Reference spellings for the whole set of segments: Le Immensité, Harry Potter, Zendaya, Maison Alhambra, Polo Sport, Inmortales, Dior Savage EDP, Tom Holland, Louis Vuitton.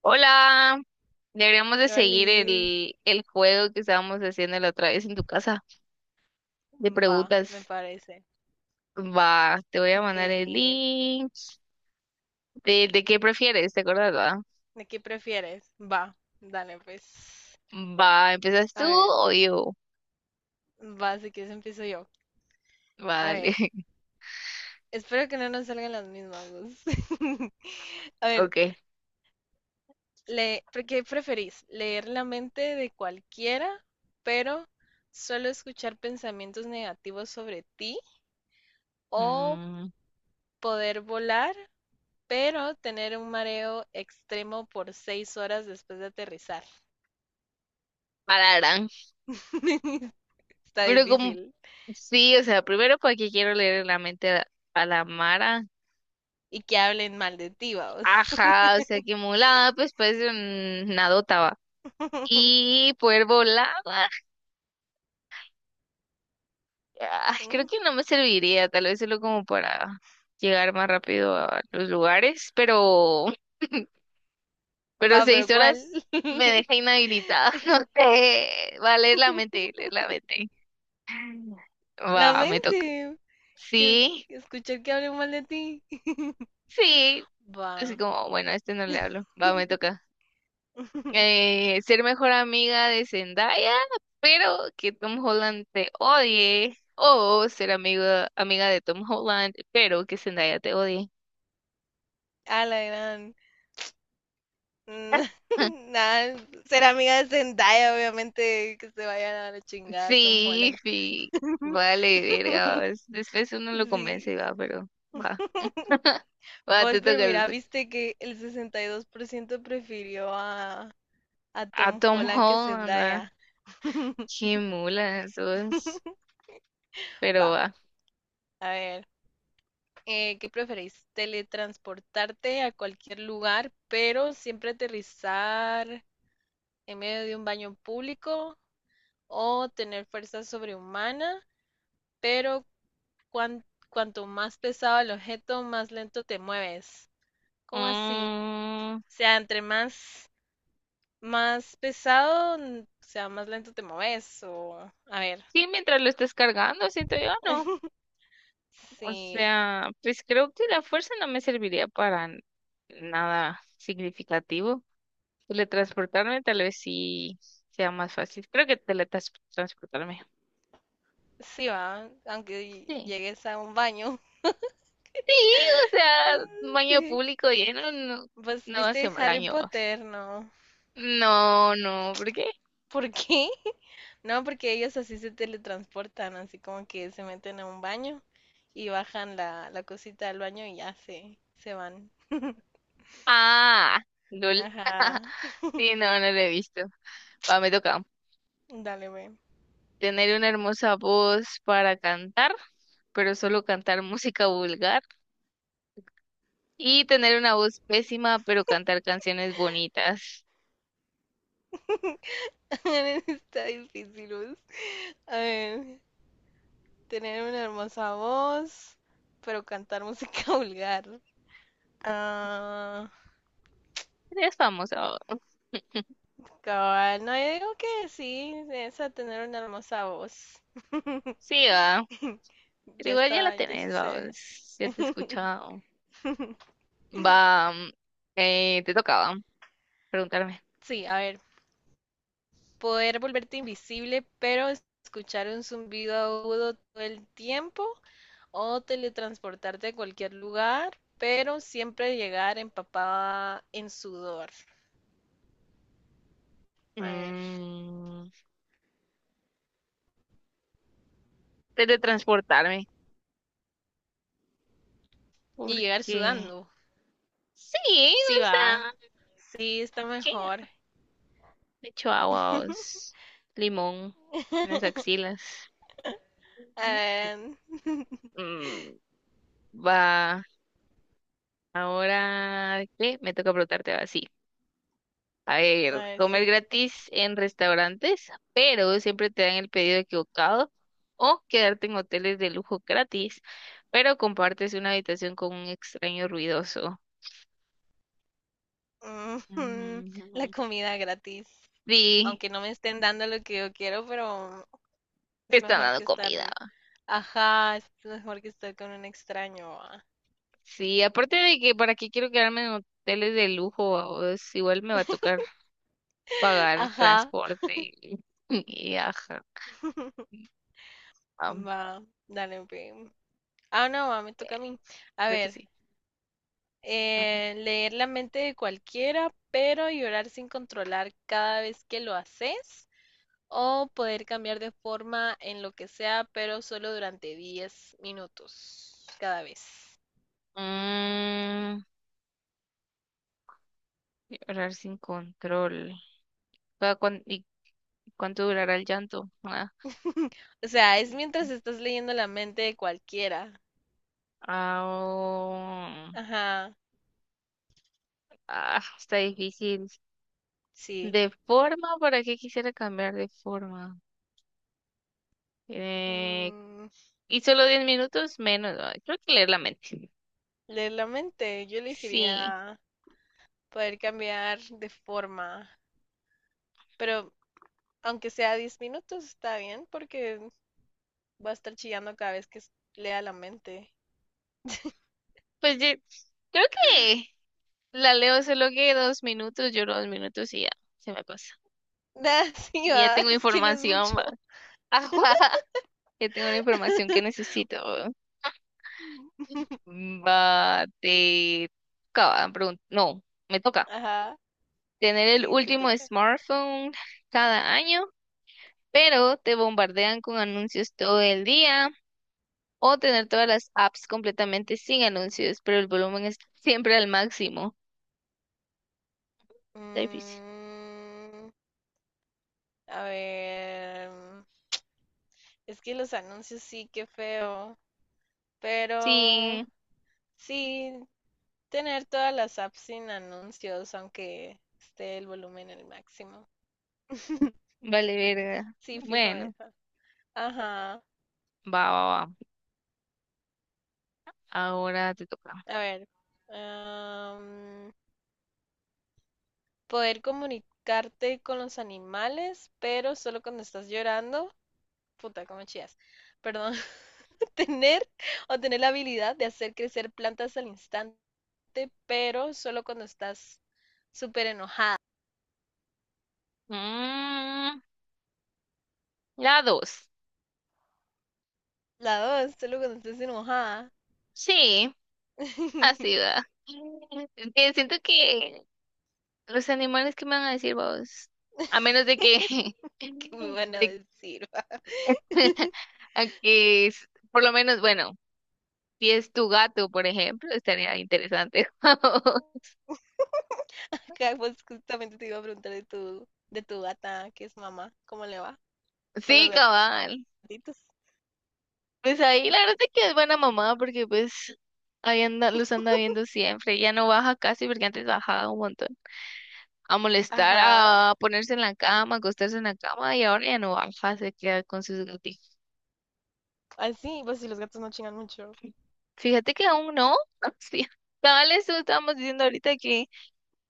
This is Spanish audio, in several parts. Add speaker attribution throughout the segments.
Speaker 1: Hola, deberíamos de seguir
Speaker 2: Olis,
Speaker 1: el juego que estábamos haciendo la otra vez en tu casa de
Speaker 2: va, me
Speaker 1: preguntas.
Speaker 2: parece.
Speaker 1: Va, te voy a mandar el
Speaker 2: ¿De,
Speaker 1: link. ¿De qué prefieres? ¿Te acuerdas, va?
Speaker 2: de qué prefieres? Va, dale pues.
Speaker 1: Va, ¿empiezas tú
Speaker 2: A ver,
Speaker 1: o yo?
Speaker 2: va, si quieres empiezo yo.
Speaker 1: Va,
Speaker 2: A
Speaker 1: dale.
Speaker 2: ver, espero que no nos salgan las mismas dos. A ver,
Speaker 1: Ok.
Speaker 2: ¿por ¿qué preferís? ¿Leer la mente de cualquiera, pero solo escuchar pensamientos negativos sobre ti? ¿O
Speaker 1: Mm,
Speaker 2: poder volar, pero tener un mareo extremo por 6 horas después de aterrizar?
Speaker 1: pararán.
Speaker 2: Está
Speaker 1: Pero como,
Speaker 2: difícil.
Speaker 1: sí, o sea, primero porque quiero leer la mente a la Mara.
Speaker 2: Y que hablen mal de ti, vamos.
Speaker 1: Ajá, o sea, que mulada, pues parece una dota, va. Y poder volar. Ay, creo que no me serviría, tal vez solo como para llegar más rápido a los lugares, pero, pero
Speaker 2: Va, pero
Speaker 1: seis
Speaker 2: ¿cuál?
Speaker 1: horas me deja inhabilitada, no sé, va a leer la mente, leer la mente.
Speaker 2: La
Speaker 1: Va, me toca.
Speaker 2: mente, que
Speaker 1: Sí,
Speaker 2: escuchar que hablen mal de ti.
Speaker 1: sí, así
Speaker 2: Va.
Speaker 1: como, bueno, a este no le hablo, va, me toca. Ser mejor amiga de Zendaya, pero que Tom Holland te odie, o ser amigo, amiga de Tom Holland, pero que Zendaya te odie.
Speaker 2: A la gran. Mm. Nada, ser amiga de Zendaya, obviamente, que se vayan a la chingada Tom
Speaker 1: Sí,
Speaker 2: Holland.
Speaker 1: sí, vale, verga, va, después uno lo convence
Speaker 2: Sí.
Speaker 1: y va, pero va, va, te
Speaker 2: Vos,
Speaker 1: toca,
Speaker 2: pero
Speaker 1: te
Speaker 2: mira,
Speaker 1: toca.
Speaker 2: viste que el 62% prefirió a
Speaker 1: A
Speaker 2: Tom
Speaker 1: Tom
Speaker 2: Holland que
Speaker 1: Holland, va,
Speaker 2: Zendaya.
Speaker 1: qué mula, eso es, pero
Speaker 2: Va,
Speaker 1: va.
Speaker 2: a ver. ¿Qué preferís? ¿Teletransportarte a cualquier lugar, pero siempre aterrizar en medio de un baño público? ¿O tener fuerza sobrehumana, pero cuan- cuanto más pesado el objeto, más lento te mueves? ¿Cómo así?
Speaker 1: Mm,
Speaker 2: O sea, entre más pesado, o sea, más lento te mueves. O, a ver,
Speaker 1: sí, mientras lo estés cargando, siento yo, no, o
Speaker 2: sí,
Speaker 1: sea, pues creo que la fuerza no me serviría para nada significativo. Teletransportarme tal vez sí sea más fácil, creo que teletransportarme,
Speaker 2: sí va, aunque
Speaker 1: sí.
Speaker 2: llegues a un baño.
Speaker 1: Sí, o sea, un baño
Speaker 2: Sí.
Speaker 1: público lleno no,
Speaker 2: Pues
Speaker 1: no hace
Speaker 2: viste Harry
Speaker 1: daño.
Speaker 2: Potter, ¿no?
Speaker 1: No, no, ¿por qué?
Speaker 2: ¿Por qué? No, porque ellos así se teletransportan, así como que se meten a un baño y bajan la cosita del baño y ya se van.
Speaker 1: Ah, lol.
Speaker 2: Ajá,
Speaker 1: Sí, no, no lo he visto. Va, me toca
Speaker 2: dale, ve.
Speaker 1: tener una hermosa voz para cantar, pero solo cantar música vulgar. Y tener una voz pésima, pero cantar canciones bonitas.
Speaker 2: Está difícil, Luz. A ver, tener una hermosa voz, pero cantar música vulgar. Ah,
Speaker 1: Eres famosa, va.
Speaker 2: cabal, no, yo digo que sí, esa tener una hermosa voz.
Speaker 1: Sí, va. Pero
Speaker 2: Ya
Speaker 1: igual ya la
Speaker 2: está, ya
Speaker 1: tenés, va.
Speaker 2: sucede.
Speaker 1: Ya te he escuchado. Va. Te tocaba preguntarme.
Speaker 2: Sí, a ver. Poder volverte invisible, pero escuchar un zumbido agudo todo el tiempo o teletransportarte a cualquier lugar, pero siempre llegar empapada en sudor. A ver.
Speaker 1: Mm, teletransportarme,
Speaker 2: Y llegar
Speaker 1: porque
Speaker 2: sudando.
Speaker 1: sí,
Speaker 2: Sí
Speaker 1: o sea,
Speaker 2: va, sí está
Speaker 1: ¿qué?
Speaker 2: mejor.
Speaker 1: Le echo agua, limón en las axilas.
Speaker 2: A
Speaker 1: Ujú.
Speaker 2: ver,
Speaker 1: Mm, va, ahora, ¿qué? Me toca preguntarte así. A ver,
Speaker 2: a ver,
Speaker 1: comer
Speaker 2: sí.
Speaker 1: gratis en restaurantes, pero siempre te dan el pedido equivocado, o quedarte en hoteles de lujo gratis, pero compartes una habitación con un extraño ruidoso.
Speaker 2: Mm. La
Speaker 1: Mm,
Speaker 2: comida gratis.
Speaker 1: sí.
Speaker 2: Aunque no me estén dando lo que yo quiero, pero
Speaker 1: Me
Speaker 2: es
Speaker 1: están
Speaker 2: mejor
Speaker 1: dando
Speaker 2: que estar.
Speaker 1: comida.
Speaker 2: Ajá, es mejor que estar con un extraño. Ah.
Speaker 1: Sí, aparte de que para qué quiero quedarme en hoteles de lujo, o es igual me va a tocar pagar
Speaker 2: Ajá.
Speaker 1: transporte y, y ajá. am,
Speaker 2: Va, dale, ve. Ah, no, va, me
Speaker 1: eh,
Speaker 2: toca a mí. A
Speaker 1: creo que
Speaker 2: ver,
Speaker 1: sí. Ajá.
Speaker 2: leer la mente de cualquiera, pero llorar sin controlar cada vez que lo haces. O poder cambiar de forma en lo que sea, pero solo durante 10 minutos cada vez.
Speaker 1: Mm, llorar sin control. ¿Y cuánto durará el llanto? Ah,
Speaker 2: O sea, es mientras estás leyendo la mente de cualquiera.
Speaker 1: ah, oh,
Speaker 2: Ajá,
Speaker 1: ah, está difícil.
Speaker 2: sí.
Speaker 1: De forma, ¿para qué quisiera cambiar de forma? Eh,
Speaker 2: Mm.
Speaker 1: y solo 10 minutos menos. Ah, creo que leer la mente.
Speaker 2: Leer la mente, yo
Speaker 1: Sí,
Speaker 2: elegiría poder cambiar de forma, pero aunque sea 10 minutos está bien porque va a estar chillando cada vez que lea la mente.
Speaker 1: pues yo creo que la leo solo que 2 minutos, lloro 2 minutos y ya se me pasa.
Speaker 2: Nah, sí,
Speaker 1: Ya
Speaker 2: va,
Speaker 1: tengo
Speaker 2: es que no es
Speaker 1: información, va.
Speaker 2: mucho.
Speaker 1: Ajá, ya tengo la información que necesito. Mm, va, te toca? No, me toca
Speaker 2: Ajá,
Speaker 1: tener el
Speaker 2: sí, te
Speaker 1: último
Speaker 2: toca.
Speaker 1: smartphone cada año, pero te bombardean con anuncios todo el día o tener todas las apps completamente sin anuncios, pero el volumen es siempre al máximo. Está difícil.
Speaker 2: Mm, a ver, es que los anuncios sí, qué feo, pero
Speaker 1: Sí.
Speaker 2: sí, tener todas las apps sin anuncios, aunque esté el volumen el máximo.
Speaker 1: Vale, verga.
Speaker 2: Sí, fijo
Speaker 1: Bueno,
Speaker 2: eso. Ajá.
Speaker 1: va, va, va. Ahora te toca.
Speaker 2: A ver. am, poder comunicarte con los animales, pero solo cuando estás llorando. Puta, cómo chías. Perdón. Tener tener la habilidad de hacer crecer plantas al instante, pero solo cuando estás súper enojada.
Speaker 1: Mm, la dos.
Speaker 2: La dos, solo cuando estás enojada.
Speaker 1: Sí, así va. Es que siento que los animales que me van a decir vos, a menos de que,
Speaker 2: ¿Qué me van a
Speaker 1: de-
Speaker 2: decir, va?
Speaker 1: a que s- por lo menos, bueno, si es tu gato, por ejemplo, estaría interesante.
Speaker 2: Acá, pues justamente te iba a preguntar de de tu gata, que es mamá, ¿cómo le va con los
Speaker 1: Sí, cabal.
Speaker 2: gatitos?
Speaker 1: Pues ahí la verdad es que es buena mamá porque pues ahí anda, los anda viendo siempre. Ya no baja casi porque antes bajaba un montón. A molestar,
Speaker 2: Ajá.
Speaker 1: a ponerse en la cama, acostarse en la cama y ahora ya no baja, se queda con sus gatitos.
Speaker 2: Así, pues si los gatos no chingan mucho.
Speaker 1: Fíjate que aún no. Sí. Tal eso estábamos diciendo ahorita que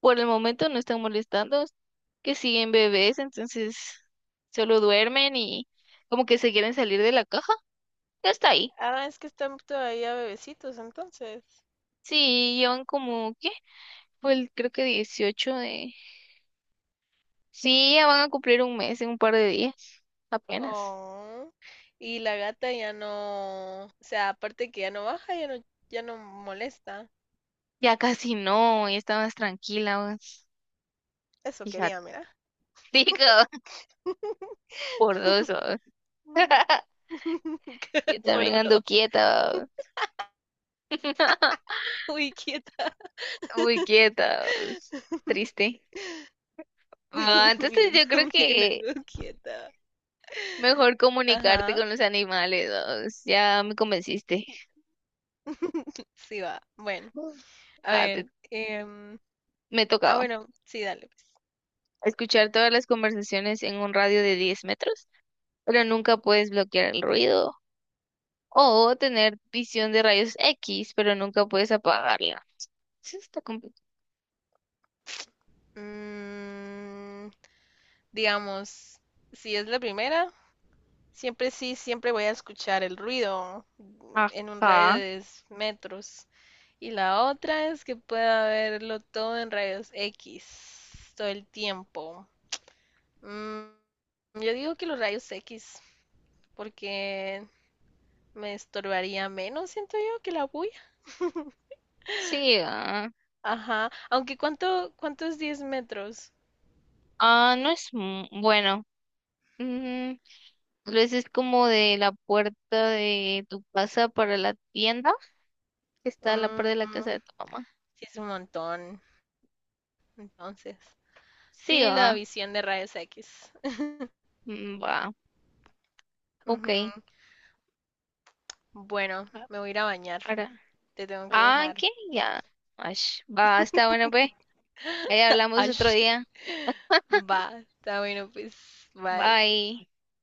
Speaker 1: por el momento no están molestando, que siguen bebés, entonces solo duermen y como que se quieren salir de la caja. Ya está ahí.
Speaker 2: Ah, es que están todavía bebecitos entonces.
Speaker 1: Sí, llevan como, ¿qué? Fue el, creo que 18 de sí, ya van a cumplir un mes en un par de días, apenas.
Speaker 2: Oh. Y la gata ya no, o sea, aparte que ya no baja, ya no molesta.
Speaker 1: Ya casi no, ya está más tranquila, vamos.
Speaker 2: Eso
Speaker 1: Fíjate.
Speaker 2: quería, mira.
Speaker 1: Digo, por dos, vamos.
Speaker 2: Mm.
Speaker 1: Yo también
Speaker 2: Por
Speaker 1: ando
Speaker 2: dos.
Speaker 1: quieta, vamos.
Speaker 2: Uy, quieta.
Speaker 1: Muy quieta, vamos. Triste. Ah, entonces
Speaker 2: Yo
Speaker 1: yo creo
Speaker 2: también
Speaker 1: que
Speaker 2: hago quieta.
Speaker 1: mejor comunicarte
Speaker 2: Ajá.
Speaker 1: con los animales, vamos. Ya me convenciste.
Speaker 2: Sí va. Bueno,
Speaker 1: Mm.
Speaker 2: a
Speaker 1: Ah,
Speaker 2: ver.
Speaker 1: me
Speaker 2: Ah,
Speaker 1: tocaba
Speaker 2: bueno, sí, dale pues.
Speaker 1: escuchar todas las conversaciones en un radio de 10 metros, pero nunca puedes bloquear el ruido o tener visión de rayos X, pero nunca puedes apagarla. Eso está complicado.
Speaker 2: Mm, digamos, si es la primera, siempre sí, siempre voy a escuchar el ruido en un radio
Speaker 1: Ajá.
Speaker 2: de 10 metros. Y la otra es que pueda verlo todo en rayos X todo el tiempo. Mm, yo digo que los rayos X, porque me estorbaría menos, siento yo, que la bulla.
Speaker 1: Sí. Ah,
Speaker 2: Ajá. Aunque, ¿cuánto es 10 metros?
Speaker 1: ah, no es bueno. Mm, tal vez es como de la puerta de tu casa para la tienda, que está a la
Speaker 2: Mm,
Speaker 1: par de la casa de tu mamá.
Speaker 2: sí, es un montón. Entonces,
Speaker 1: Sí,
Speaker 2: sí, la
Speaker 1: ah.
Speaker 2: visión de rayos X.
Speaker 1: Mm, va. Ok.
Speaker 2: Ujú. Bueno,
Speaker 1: Ah,
Speaker 2: me voy a ir a bañar.
Speaker 1: ahora.
Speaker 2: Te tengo que
Speaker 1: Ah,
Speaker 2: dejar.
Speaker 1: ¿qué? Ya. Ash. Va, está bueno, pues. Ahí hablamos otro
Speaker 2: Ash.
Speaker 1: día.
Speaker 2: Va, está bueno, pues. Bye.
Speaker 1: Bye.